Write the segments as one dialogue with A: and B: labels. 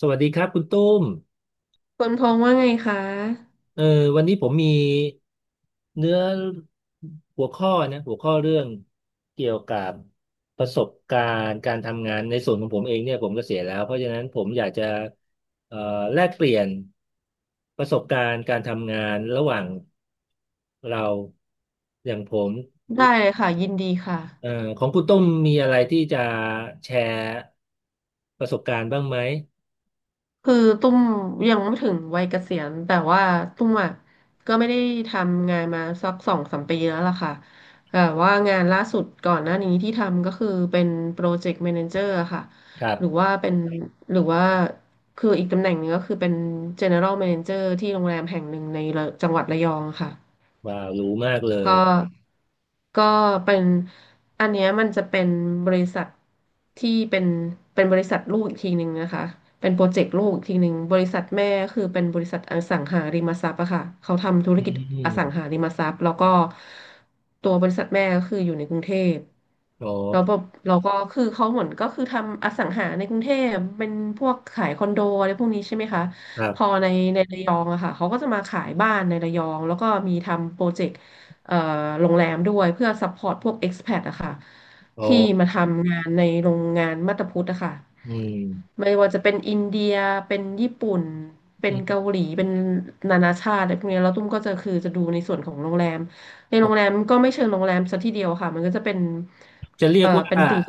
A: สวัสดีครับคุณตุ้ม
B: คุณพงษ์ว่าไงคะ
A: เออวันนี้ผมมีเนื้อหัวข้อนะหัวข้อเรื่องเกี่ยวกับประสบการณ์การทำงานในส่วนของผมเองเนี่ยผมเกษียณแล้วเพราะฉะนั้นผมอยากจะเอ่อแลกเปลี่ยนประสบการณ์การทำงานระหว่างเราอย่างผม
B: ได้เลยค่ะยินดี
A: เอ่อ
B: ค่ะ
A: ของคุณตุ้มมีอะไรที่จะแชร์ประสบการณ์บ้างไหม
B: คือตุ้มยังไม่ถึงวัยเกษียณแต่ว่าตุ้มอ่ะก็ไม่ได้ทำงานมาสักสองสามปีแล้วล่ะค่ะแต่ว่างานล่าสุดก่อนหน้านี้ที่ทำก็คือเป็นโปรเจกต์แมเนเจอร์ค่ะ
A: ครั
B: หรือ
A: บ
B: ว่าเป็นหรือว่าคืออีกตำแหน่งหนึ่งก็คือเป็น General Manager ที่โรงแรมแห่งหนึ่งในระจังหวัดระยองค่ะ
A: ว้าวรู้มากเลย
B: ก็ก็เป็นอันเนี้ยมันจะเป็นบริษัทที่เป็นบริษัทลูกอีกทีหนึ่งนะคะเป็นโปรเจกต์ลูกอีกทีหนึ่งบริษัทแม่คือเป็นบริษัทอสังหาริมทรัพย์อะค่ะเขาทำธุร
A: อื
B: กิจอสังหา
A: ม
B: ริมทรัพย์แล้วก็ตัวบริษัทแม่ก็คืออยู่ในกรุงเทพ
A: อ๋อ
B: แล้วแบบเราก็คือเขาเหมือนก็คือทำอสังหาในกรุงเทพเป็นพวกขายคอนโดอะไรพวกนี้ใช่ไหมคะ
A: ครั
B: พอ
A: บ
B: ในในระยองอะค่ะเขาก็จะมาขายบ้านในระยองแล้วก็มีทำโปรเจกต์เอ่อโรงแรมด้วยเพื่อซัพพอร์ตพวก expat อะค่ะ
A: อ๋อ
B: ที่มาทำงานในโรงงานมาตาพุทธอะค่ะ
A: อืม
B: ไม่ว่าจะเป็นอินเดียเป็นญี่ปุ่นเป็
A: อื
B: นเกา
A: ม
B: หลีเป็นนานาชาติอะไรพวกเนี้ยแล้วตุ้มก็จะคือจะดูในส่วนของโรงแรมในโรงแรมก็ไม่เชิงโรงแรมซะทีเดียวค่ะมันก็จะเป็น
A: จะเรีย
B: เอ
A: ก
B: อ
A: ว่า
B: เป็นกึ่ง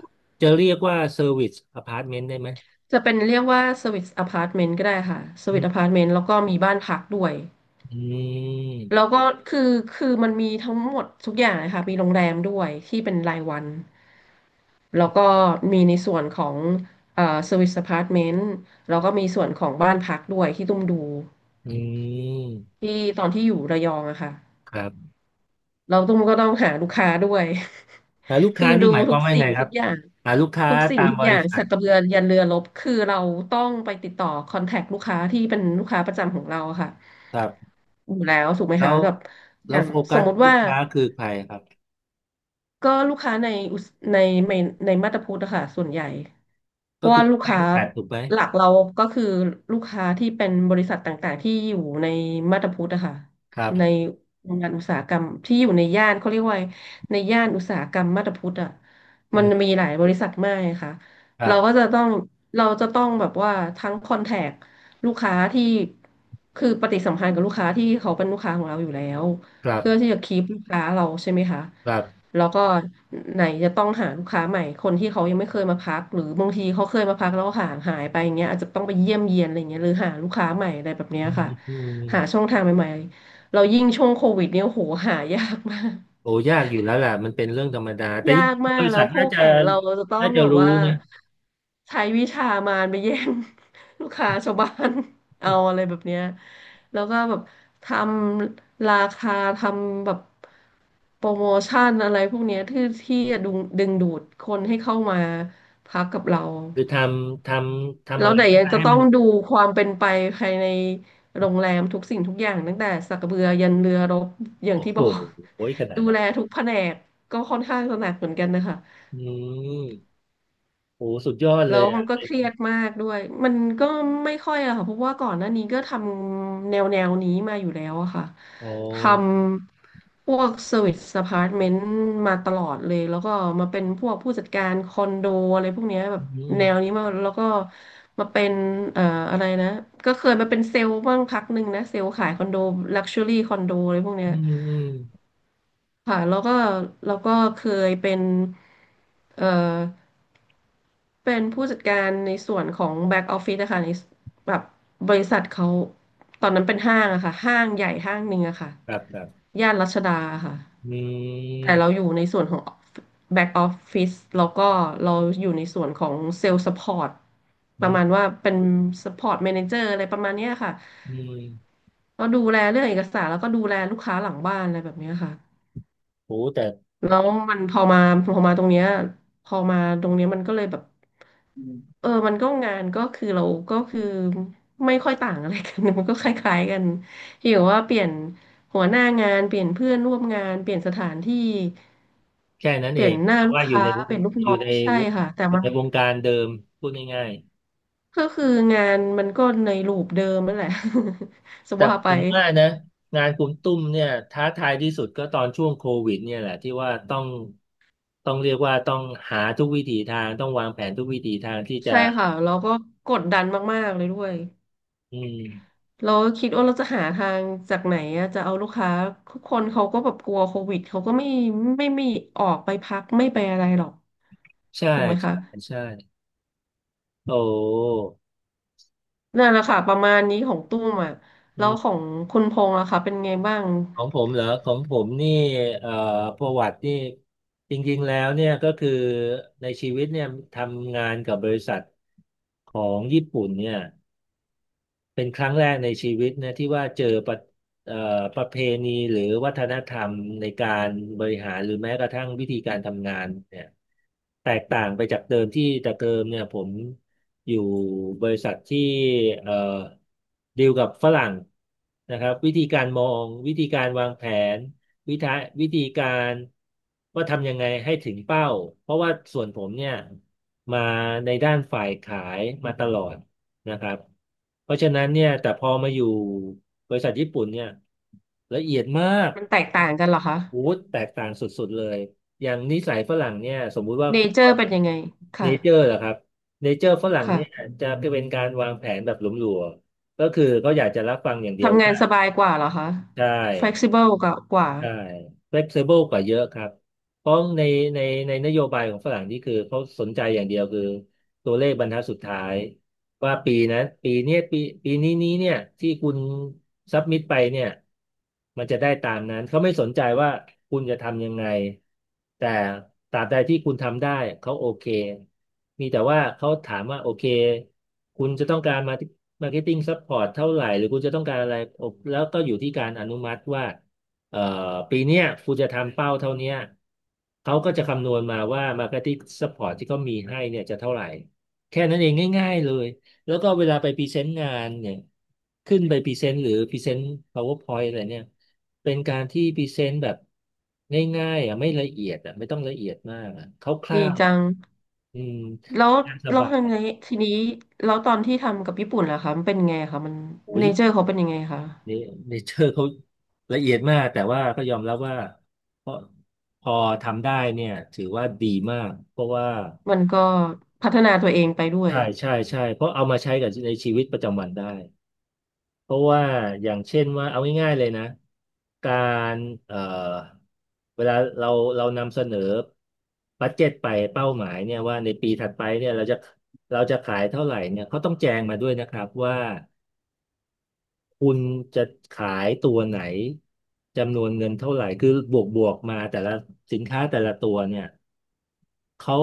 A: จะเรียกว่าเซอร์วิสอพาร์ตเมนต์ได้ไหม
B: จะเป็นเรียกว่าสวิตอพาร์ตเมนต์ก็ได้ค่ะส
A: อื
B: วิต
A: ม
B: อพาร์ตเมนต์แล้วก็มีบ้านพักด้วย
A: อื
B: แล้
A: ม
B: วก็คือคือมันมีทั้งหมดทุกอย่างเลยค่ะมีโรงแรมด้วยที่เป็นรายวันแล้วก็มีในส่วนของสวิตอพาร์ตเมนต์แล้วก็มีส่วนของบ้านพักด้วยที่ตุ้มดู
A: อืม
B: ที่ตอนที่อยู่ระยองอะค่ะ
A: ครับ
B: เราต้องก็ต้องหาลูกค้าด้วย
A: แต่ลูก
B: คือ
A: ค้านี่
B: ดู
A: หมายค
B: ทุ
A: วาม
B: ก
A: ว่า
B: สิ่
A: ไง
B: ง
A: ค
B: ทุ
A: รับ
B: กอย่าง
A: หาลูกค้า
B: ทุกสิ่
A: ตา
B: ง
A: ม
B: ทุก
A: บ
B: อย่า
A: ริ
B: ง
A: ษั
B: สั
A: ท
B: กกระเบือยันเรือรบคือเราต้องไปติดต่อคอนแทคลูกค้าที่เป็นลูกค้าประจำของเราอะค่ะ
A: ครับ
B: อยู่แล้วถูกไหม
A: แล้
B: คะ
A: ว
B: แบบอ
A: แล้ว
B: ย่าง
A: โฟ
B: ส
A: กั
B: ม
A: ส
B: มติ
A: ลู
B: ว่า
A: กค้าคือใครครับ
B: ก็ลูกค้าในอุตสในในในมาตรพุทธอะค่ะส่วนใหญ่เพ
A: ก็
B: ราะ
A: คือ
B: ว่าลู
A: ตั
B: ก
A: วเอ
B: ค้า
A: กแปดถูกไหม
B: หลักเราก็คือลูกค้าที่เป็นบริษัทต่างๆที่อยู่ในมาตรพุทธอะค่ะ
A: ครับ
B: ในโรงงานอุตสาหกรรมที่อยู่ในย่านเขาเรียกว่าในย่านอุตสาหกรรมมาตรพุทธอะ
A: อื
B: มัน
A: ม
B: มีหลายบริษัทมากค่ะ
A: ครั
B: เราก็
A: บ
B: จะต้องเราจะต้องแบบว่าทั้งคอนแทคลูกค้าที่คือปฏิสัมพันธ์กับลูกค้าที่เขาเป็นลูกค้าของเราอยู่แล้ว
A: ครับ
B: เพื่อที่จะคีปลูกค้าเราใช่ไหมคะ
A: ครับ
B: แล้วก็ไหนจะต้องหาลูกค้าใหม่คนที่เขายังไม่เคยมาพักหรือบางทีเขาเคยมาพักแล้วห่างหายไปอย่างเงี้ยอาจจะต้องไปเยี่ยมเยียนอะไรเงี้ยหรือหาลูกค้าใหม่อะไรแบบเนี้ย
A: อืม
B: ค่ะ
A: อืม
B: หาช่องทางใหม่ๆเรายิ่งช่วงโควิดเนี่ยโหหายากมาก
A: โอ้ยากอยู่แล้วแหละมันเป็นเรื่องธรรมดาแต่
B: ยา
A: ยิ่ง
B: กมา
A: บ
B: ก
A: ริ
B: แล้
A: ษั
B: ว
A: ท
B: คู่
A: น่าจะ
B: แข่งเราจะต้อ
A: น่า
B: ง
A: จะ
B: แบบ
A: รู้
B: ว่า
A: นะ
B: ใช้วิชามารไปแย่ง ลูกค้าชาวบ้าน เอาอะไรแบบเนี้ยแล้วก็แบบทำราคาทำแบบโปรโมชั่นอะไรพวกเนี้ยที่จะดึงดูดคนให้เข้ามาพักกับเรา
A: คือำททำ
B: แล้ว
A: อะไร
B: ไหน
A: ก็
B: ยัง
A: ได้
B: จะ
A: ให้
B: ต้อ
A: มั
B: ง
A: น
B: ดูความเป็นไปภายในโรงแรมทุกสิ่งทุกอย่างตั้งแต่สักกระเบือยันเรือรบอย่าง
A: โอ้
B: ที่
A: โห
B: บอก
A: โอ้ยขนา ด
B: ดู
A: นั้น
B: แลทุกแผนกก็ค่อนข้างจะหนักเหมือนกันนะคะ
A: อืมโอ้สุดยอดเล
B: แล้ว
A: ย
B: มั
A: อ่ะ
B: นก็
A: เป็
B: เค
A: น
B: รียดมากด้วยมันก็ไม่ค่อยอะค่ะเพราะว่าก่อนหน้านี้ก็ทำแนวนี้มาอยู่แล้วอะค่ะ
A: โอ
B: ท
A: ้
B: ำพวกเซอร์วิสอพาร์ตเมนต์มาตลอดเลยแล้วก็มาเป็นพวกผู้จัดการคอนโดอะไรพวกเนี้ยแบ
A: อื
B: บ
A: ม
B: แนวนี้มาแล้วก็มาเป็นเอ่ออะไรนะก็เคยมาเป็นเซลล์บ้างพักหนึ่งนะเซลล์ขายคอนโดลักชัวรี่คอนโดอะไรพวกเนี้
A: อื
B: ย
A: มอืม
B: ค่ะแล้วก็เคยเป็นเอ่อ เป็นผู้จัดการในส่วนของแบ็กออฟฟิศนะคะในแบบบริษัทเขาตอนนั้นเป็นห้างอะค่ะห้างใหญ่ห้างหนึ่งอะค่ะ
A: ครับครับ
B: ย่านรัชดาค่ะ
A: อื
B: แต่เรา
A: ม
B: อยู่ในส่วนของแบ็กออฟฟิศแล้วก็เราอยู่ในส่วนของเซลล์สปอร์ต
A: อื
B: ประ
A: ม
B: มาณว่าเป็นสปอร์ต a ม a นเจอร์อะไรประมาณเนี้ยค่ะ
A: อืม
B: ก็ดูแลเรื่องเอกสารแล้วก็ดูแลลูกค้าหลังบ้านอะไรแบบเนี้ยค่ะ
A: โอ้แต่
B: แล้วมันพอมาพอมาตรงเนี้ยพอมาตรงเนี้ยมันก็เลยแบบ
A: อืม
B: เออมันก็งานก็คือเราก็คือไม่ค่อยต่างอะไรกัน มันก็คล้ายๆกันที่แบบว่าเปลี่ยนหัวหน้างาน เปลี่ยนเพื่อนร่วมงาน เปลี่ยนสถานที่
A: แค่นั้น
B: เป
A: เอ
B: ลี่ยน
A: ง
B: หน้า
A: แต่
B: ลูก
A: ว่าอยู่
B: ค้า
A: ใน
B: เปลี่ยนลูก
A: อ
B: น้
A: ยู่
B: อง
A: ในว
B: ใช่
A: ง
B: ค่ะแต่
A: อยู่
B: มัน
A: ในวงการเดิมพูดง่าย
B: ก็คืองานมันก็ในรูปเดิมนั่นแหละ ส
A: แต่
B: ว่าไป
A: ผมว่านะงานคุณตุ้มเนี่ยท้าทายที่สุดก็ตอนช่วงโควิดเนี่ยแหละที่ว่าต้องต้องเรียกว่าต้องหาทุกวิถีทางต้องวางแผนทุกวิถีทางที่
B: ใช่
A: จะ
B: ค่ะ เราก็กดดันมากๆเลยด้วย
A: อืม
B: เราคิดว่าเราจะหาทางจากไหนอะจะเอาลูกค้าทุกคนเขาก็แบบกลัวโควิดเขาก็ไม่ไมีออกไปพักไม่ไปอะไรหรอก
A: ใช่
B: ถูกไหมคะ
A: ใช่ใช่โอ้
B: นั่นแหละค่ะประมาณนี้ของตุ้มอ่ะ
A: อื
B: แล้วขอ
A: ม
B: งคุณพงษ์ล่ะคะเป็นไงบ้าง
A: ของผมเหรอของผมนี่เอ่อประวัตินี่จริงๆแล้วเนี่ยก็คือในชีวิตเนี่ยทำงานกับบริษัทของญี่ปุ่นเนี่ย เป็นครั้งแรกในชีวิตนะที่ว่าเจอประเอ่อประเพณีหรือวัฒนธรรมในการบริหารหรือแม้กระทั่งวิธีการทำงานเนี่ยแตกต่างไปจากเดิมที่แต่เดิมเนี่ยผมอยู่บริษัทที่เอ่อดีลกับฝรั่งนะครับวิธีการมองวิธีการวางแผนวิธีวิธีการว่าทำยังไงให้ถึงเป้าเพราะว่าส่วนผมเนี่ยมาในด้านฝ่ายขายมาตลอด นะครับเพราะฉะนั้นเนี่ยแต่พอมาอยู่บริษัทญี่ปุ่นเนี่ยละเอียดมาก
B: มันแตกต่างกันเหรอคะ
A: โอ้โหแตกต่างสุดๆเลยอย่างนิสัยฝรั่งเนี่ยสมมุติว่า
B: เนเจอร์เป็นยังไง
A: เน
B: ค่ะ
A: เจอร์เหรอครับเนเจอร์ฝรั่งเนี่ย
B: ค่ะ
A: จะเป็นการวางแผนแบบหลวมๆก็คือเขาอยากจะรับฟังอย่างเดียว
B: ทำงาน
A: ว่า
B: สบายกว่าเหรอคะ
A: ใช่
B: flexible กว่า
A: ใช่ flexible กว่าเยอะครับเพราะในในนโยบายของฝรั่งนี่คือเขาสนใจอย่างเดียวคือตัวเลขบรรทัดสุดท้ายว่าปีนะปีเนี้ยปีนี้เนี่ยที่คุณซับมิดไปเนี่ยมันจะได้ตามนั้นเขาไม่สนใจว่าคุณจะทำยังไงแต่ตราบใดที่คุณทำได้เขาโอเคมีแต่ว่าเขาถามว่าโอเคคุณจะต้องการมามาร์เก็ตติ้งซัพพอร์ตเท่าไหร่หรือคุณจะต้องการอะไรแล้วก็อยู่ที่การอนุมัติว่า เอ่อปีเนี้ยคุณจะทำเป้าเท่าเนี้ยเขาก็จะคำนวณมาว่า Marketing Support ที่เขามีให้เนี่ยจะเท่าไหร่ แค่นั้นเองง่ายๆเลย แล้วก็เวลาไปพรีเซนต์งานเนี่ยขึ้นไปพรีเซนต์หรือพรีเซนต์ PowerPoint อะไรเนี่ย เป็นการที่พรีเซนต์แบบง่ายๆอ่ะไม่ละเอียดอ่ะไม่ต้องละเอียดมากอ่ะค
B: ดี
A: ร่าว
B: จัง
A: ๆอืม
B: แล้ว
A: น่าส
B: แล้ว
A: บา
B: ที
A: ย
B: นี้ทีนี้แล้วตอนที่ทำกับญี่ปุ่นล่ะคะมันเป็นไงคะมัน
A: โอ้ย
B: เนเจอร์เขาเป็นยังไงคะ
A: นี่เนเจอร์เขาละเอียดมากแต่ว่าก็ยอมรับว่าเพอพอทำได้เนี่ยถือว่าดีมากเพราะว่า
B: มันก็พัฒนาตัวเองไปด้วย
A: ใช่ใช่ใช่เพราะเอามาใช้กับในชีวิตประจำวันได้เพราะว่าอย่างเช่นว่าเอาง่ายๆเลยนะการเอ่อเวลาเราเรานำเสนอบัดเจ็ตไปเป้าหมายเนี่ยว่าในปีถัดไปเนี่ยเราจะเราจะขายเท่าไหร่เนี่ยเขาต้องแจงมาด้วยนะครับว่า คุณจะขายตัวไหนจำนวนเงินเท่าไหร่คือบวกมาแต่ละสินค้าแต่ละตัวเนี่ยเขา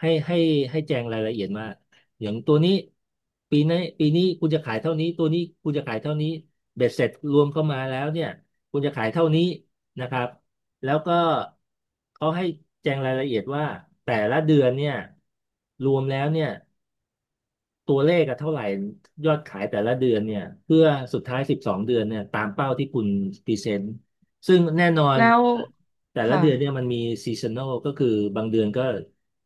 A: ให้ให้ให้แจงรายละเอียดมาอย่างตัวนี้ปีนี้คุณจะขายเท่านี้ตัวนี้คุณจะขายเท่านี้เบ็ดเสร็จรวมเข้ามาแล้วเนี่ยคุณจะขายเท่านี้นะครับแล้วก็เขาให้แจงรายละเอียดว่าแต่ละเดือนเนี่ยรวมแล้วเนี่ย ตัวเลขอะเท่าไหร่ยอดขายแต่ละเดือนเนี่ยเพื่อสุดท้าย12เดือนเนี่ยตามเป้าที่คุณพรีเซนต์ซึ่งแน่นอน
B: แล้ว
A: แต่ละ
B: ค่ะ
A: เดือนเนี่ยมันมีซีซัน a ลก็คือบางเดือนก็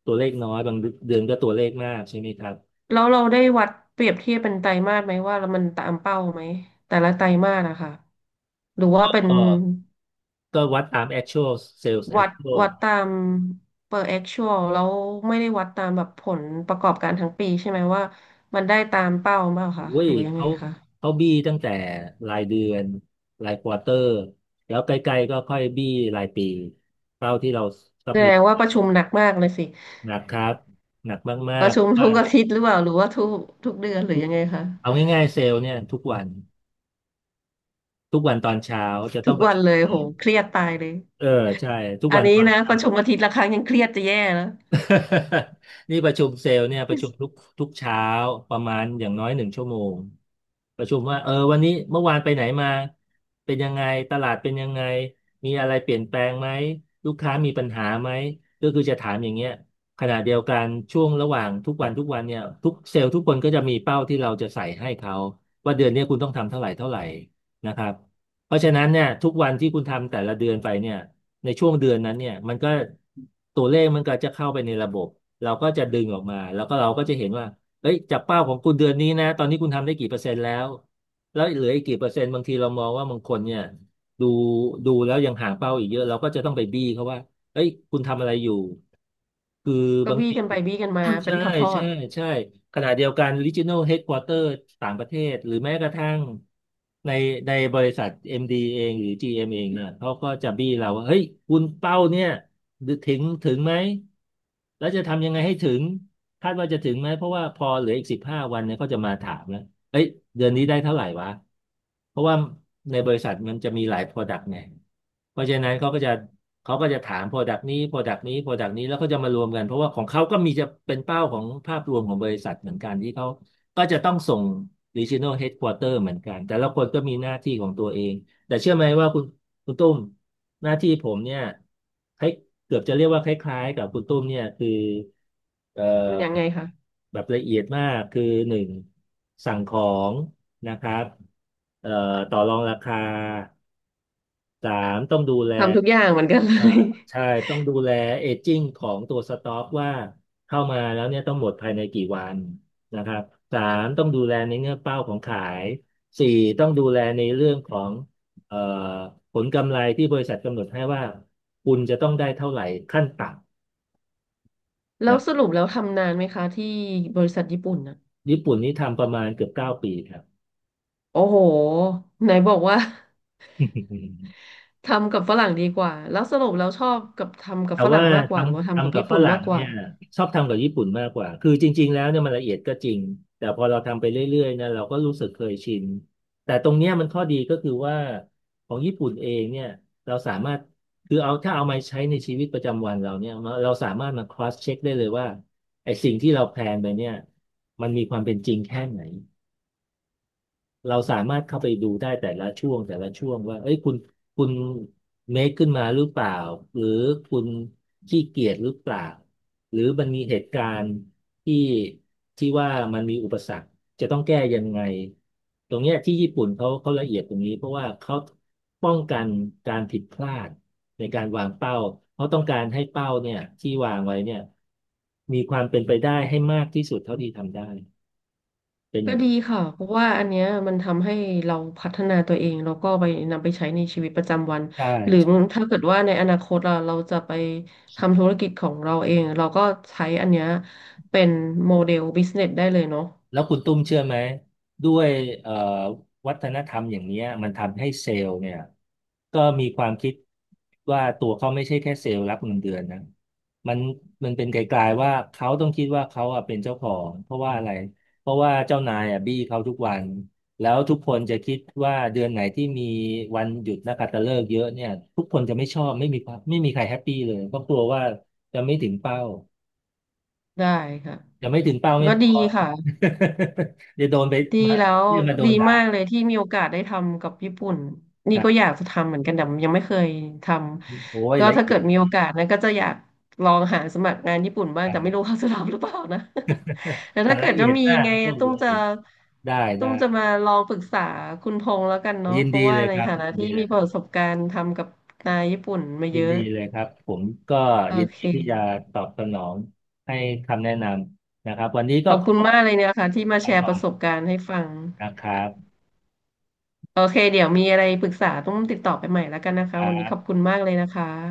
A: ตัวเลขน้อยบางเดือนก็ตัวเลขมากใช่ไหมครับ
B: แล้วเราได้วัดเปรียบเทียบเป็นไตรมาสไหมว่ามันตามเป้าไหมแต่ละไตรมาสอะค่ะหรือว่าเป็น
A: ก็ก็วัดตาม actual sales
B: วัด
A: actual
B: วัดตาม per actual แล้วไม่ได้วัดตามแบบผลประกอบการทั้งปีใช่ไหมว่ามันได้ตามเป้าเปล่า
A: โอ้
B: คะห
A: ย
B: รือยังไง
A: เขา
B: คะ
A: บี้ตั้งแต่รายเดือนรายควอเตอร์แล้วใกล้ๆก็ค่อยบี้รายปีเป้าที่เราสั
B: แส
A: บ
B: ด
A: มิ t
B: งว่าประชุมหนักมากเลยสิ
A: หนักครับหนักมา
B: ประ
A: ก
B: ชุม
A: ๆว่า
B: ทุกอาทิตย์หรือเปล่าหรือว่าทุกเดือนหรื
A: ทุ
B: อ
A: ก
B: ยังไงคะ
A: เอาง่ายๆเซลล์เนี่ยทุกวันทุกวันตอนเช้าจะต้
B: ทุ
A: อง
B: ก
A: ประ
B: วัน
A: ชุ
B: เล
A: ม
B: ยโหเครียดตายเลย
A: เออใช่ทุก
B: อั
A: วั
B: น
A: นต
B: นี้
A: อน
B: นะประชุมอาทิตย์ละครั้งยังเครียดจะแย่แล้ว
A: นี่ประชุมเซลล์เนี่ยประชุมทุกเช้าประมาณอย่างน้อย1 ชั่วโมงประชุมว่าเออวันนี้เมื่อวานไปไหนมาเป็นยังไงตลาดเป็นยังไงมีอะไรเปลี่ยนแปลงไหมลูกค้ามีปัญหาไหมก็คือจะถามอย่างเงี้ยขณะเดียวกันช่วงระหว่างทุกวันทุกวันเนี่ยทุกเซลล์ทุกคนก็จะมีเป้าที่เราจะใส่ให้เขาว่าเดือนเนี้ยคุณต้องทำเท่าไหร่เท่าไหร่นะครับเพราะฉะนั้นเนี่ยทุกวันที่คุณทำแต่ละเดือนไปเนี่ย ในช่วงเดือนนั้นเนี่ยมันก็ตัวเลขมันก็จะเข้าไปในระบบเราก็จะดึงออกมาแล้วก็เราก็จะเห็นว่าเอ้ยจากเป้าของคุณเดือนนี้นะตอนนี้คุณทำได้กี่เปอร์เซ็นต์แล้วแล้วเหลืออีกกี่เปอร์เซ็นต์บางทีเรามองว่าบางคนเนี่ยดูดูแล้วยังห่างเป้าอีกเยอะเราก็จะต้องไปบี้เขาว่าเอ้ยคุณทำอะไรอยู่คือ
B: ก็
A: บาง
B: บี้
A: ที
B: กันไปบี้กันมาเป็
A: ใช่
B: นทอ
A: ใช่
B: ด
A: ใช่ขณะเดียวกัน Regional Headquarter ต่างประเทศหรือแม้กระทั่งในในบริษัท MD เองหรือ GM เอมเองเนี่ยเขาก็จะบี้เราว่าเฮ้ยคุณเป้าเนี่ยถึงถึงไหมแล้วจะทำยังไงให้ถึงคาดว่าจะถึงไหมเพราะว่าพอเหลืออีก15 วันเนี่ยเขาจะมาถามแล้ว เอ้ยเดือนนี้ได้เท่าไหร่วะเพราะว่าในบริษัทมันจะมีหลาย Product ไงเพราะฉะนั้นเขาก็จะถาม Product นี้ Product นี้ Product นี้แล้วก็จะมารวมกันเพราะว่าของเขาก็มีจะเป็นเป้าของภาพรวมของบริษัทเหมือนกันที่เขาก็จะต้องส่ง Regional Headquarter เหมือนกันแต่ละคนก็มีหน้าที่ของตัวเองแต่เชื่อไหมว่าคุณตุ้มหน้าที่ผมเนี่ย เกือบจะเรียกว่าคล้ายๆกับคุณตุ้มเนี่ยคือเอ่
B: ๆมันยังไง
A: อ
B: คะ
A: แบบละเอียดมากคือหนึ่งสั่งของนะครับเอ่อต่อรองราคาสามต้องดูแล
B: ทำทุกอย่างเหมือนกันเล
A: เอ่อ
B: ย
A: ใช่ต้องดูแลเอจจิ้งของตัวสต็อกว่าเข้ามาแล้วเนี่ยต้องหมดภายในกี่วันนะครับสามต้องดูแลในเงื่อนเป้าของขายสี่ต้องดูแลในเรื่องของเอ่อผลกำไรที่บริษัทกำหนดให้ว่าคุณจะต้องได้เท่าไหร่ขั้นต่
B: แล้ว
A: นะ
B: สรุปแล้วทำนานไหมคะที่บริษัทญี่ปุ่นน่ะ
A: ญี่ปุ่นนี่ทำประมาณเกือบ9 ปีครับ
B: โอ้โหไหนบอกว่า ทำกับฝรั่งดีกว่าแล้วสรุปแล้วชอบกับทำกับ
A: แต่
B: ฝรั่
A: ว่า
B: งมากกว่าหรือว่าทำกับ
A: ทำกับ
B: ญี่
A: ฝ
B: ปุ่น
A: รั่
B: มา
A: ง
B: กก
A: เนี่
B: ว่า
A: ยชอบทำกับญี่ปุ่นมากกว่าคือจริงๆแล้วเนี่ยมันละเอียดก็จริงแต่พอเราทำไปเรื่อยๆนะเราก็รู้สึกเคยชินแต่ตรงเนี้ยมันข้อดีก็คือว่าของญี่ปุ่นเองเนี่ยเราสามารถคือเอาถ้าเอามาใช้ในชีวิตประจำวันเราเนี่ยเราสามารถมา cross check ได้เลยว่าไอ้สิ่งที่เราแพลนไปเนี่ยมันมีความเป็นจริงแค่ไหน เราสามารถเข้าไปดูได้แต่ละช่วงแต่ละช่วงว่าเอ้ยคุณคุณเมคขึ้นมาหรือเปล่าหรือคุณขี้เกียจหรือเปล่าหรือมันมีเหตุการณ์ที่ที่ว่ามันมีอุปสรรคจะต้องแก้ยังไงตรงเนี้ยที่ญี่ปุ่นเขาละเอียดตรงนี้เพราะว่าเขาป้องกันการผิดพลาดในการวางเป้าเขาต้องการให้เป้าเนี่ยที่วางไว้เนี่ยมีความเป็นไปได้ให้มากที่สุดเท่าที่ทำได้เป็นอ
B: ก็
A: ย่าง
B: ดี
A: นั้น
B: ค่ะเพราะว่าอันเนี้ยมันทำให้เราพัฒนาตัวเองแล้วก็ไปนำไปใช้ในชีวิตประจำวัน
A: ใช่
B: หรือถ้าเกิดว่าในอนาคตเราจะไปทำธุรกิจของเราเองเราก็ใช้อันเนี้ยเป็นโมเดลบิสเนสได้เลยเนาะ
A: แล้วคุณตุ้มเชื่อไหมด้วยเอ่อวัฒนธรรมอย่างเนี้ยมันทำให้เซลล์เนี่ยก็มีความคิดว่าตัวเขาไม่ใช่แค่เซลล์รับเงินเดือนนะมันมันเป็นไกลๆว่าเขาต้องคิดว่าเขาอะเป็นเจ้าของเพราะว่าอะไรเพราะว่าเจ้านายอะบี้เขาทุกวันแล้วทุกคนจะคิดว่าเดือนไหนที่มีวันหยุดนักขัตฤกษ์เยอะเนี่ยทุกคนจะไม่ชอบไม่มีความไม่มีใครแฮปปี้เลยเพราะกลัวว่าจะไม่ถึงเป้า
B: ได้ค่ะ
A: ยังไม่ถึงเป้าไม่
B: ก็
A: พ
B: ดี
A: อ
B: ค่ะ
A: เดี๋ยวโดนไป
B: ดี
A: มา
B: แล้ว
A: เรื่องมาโด
B: ดี
A: นด่า
B: มากเลยที่มีโอกาสได้ทำกับญี่ปุ่น
A: ค
B: นี่
A: รั
B: ก็อ
A: บ
B: ยากจะทำเหมือนกันแต่ยังไม่เคยท
A: โอ้ย
B: ำก็
A: ละ
B: ถ้า
A: เอี
B: เกิ
A: ย
B: ด
A: ด
B: มีโอ
A: ดี
B: กาสนะก็จะอยากลองหาสมัครงานญี่ปุ่นบ้างแต่ไม่รู้
A: อ่า
B: เขาจะรับหรือเปล่านะ แต่
A: แต่
B: ถ้าเกิ
A: ละ
B: ดจะ
A: เอียด
B: มี
A: มาก
B: ไง
A: ก็
B: ตุ้
A: รู้
B: มจะ
A: เห็นได้
B: ตุ้ม
A: ได้
B: จะมาลองปรึกษาคุณพงษ์แล้วกันเนาะ
A: ยิน
B: เพราะ
A: ดี
B: ว่า
A: เลย
B: ใน
A: ครับ
B: ฐานะที่มีประสบการณ์ทำกับนายญี่ปุ่นมา
A: ยิ
B: เย
A: น
B: อะ
A: ดีเลยครับผมก็
B: โอ
A: ยิน
B: เค
A: ดีที่จะตอบสนองให้คำแนะนำนะครับวันนี้ก็
B: ขอบ
A: ข
B: คุณ
A: อ
B: มากเลยนะคะที่มา
A: ไป
B: แชร์
A: ก่
B: ป
A: อ
B: ระ
A: น
B: สบการณ์ให้ฟัง
A: นะครับ
B: โอเคเดี๋ยวมีอะไรปรึกษาต้องติดต่อไปใหม่แล้วกันนะ
A: ค
B: คะ
A: รั
B: วันนี้ขอบ
A: บ
B: คุณมากเลยนะคะ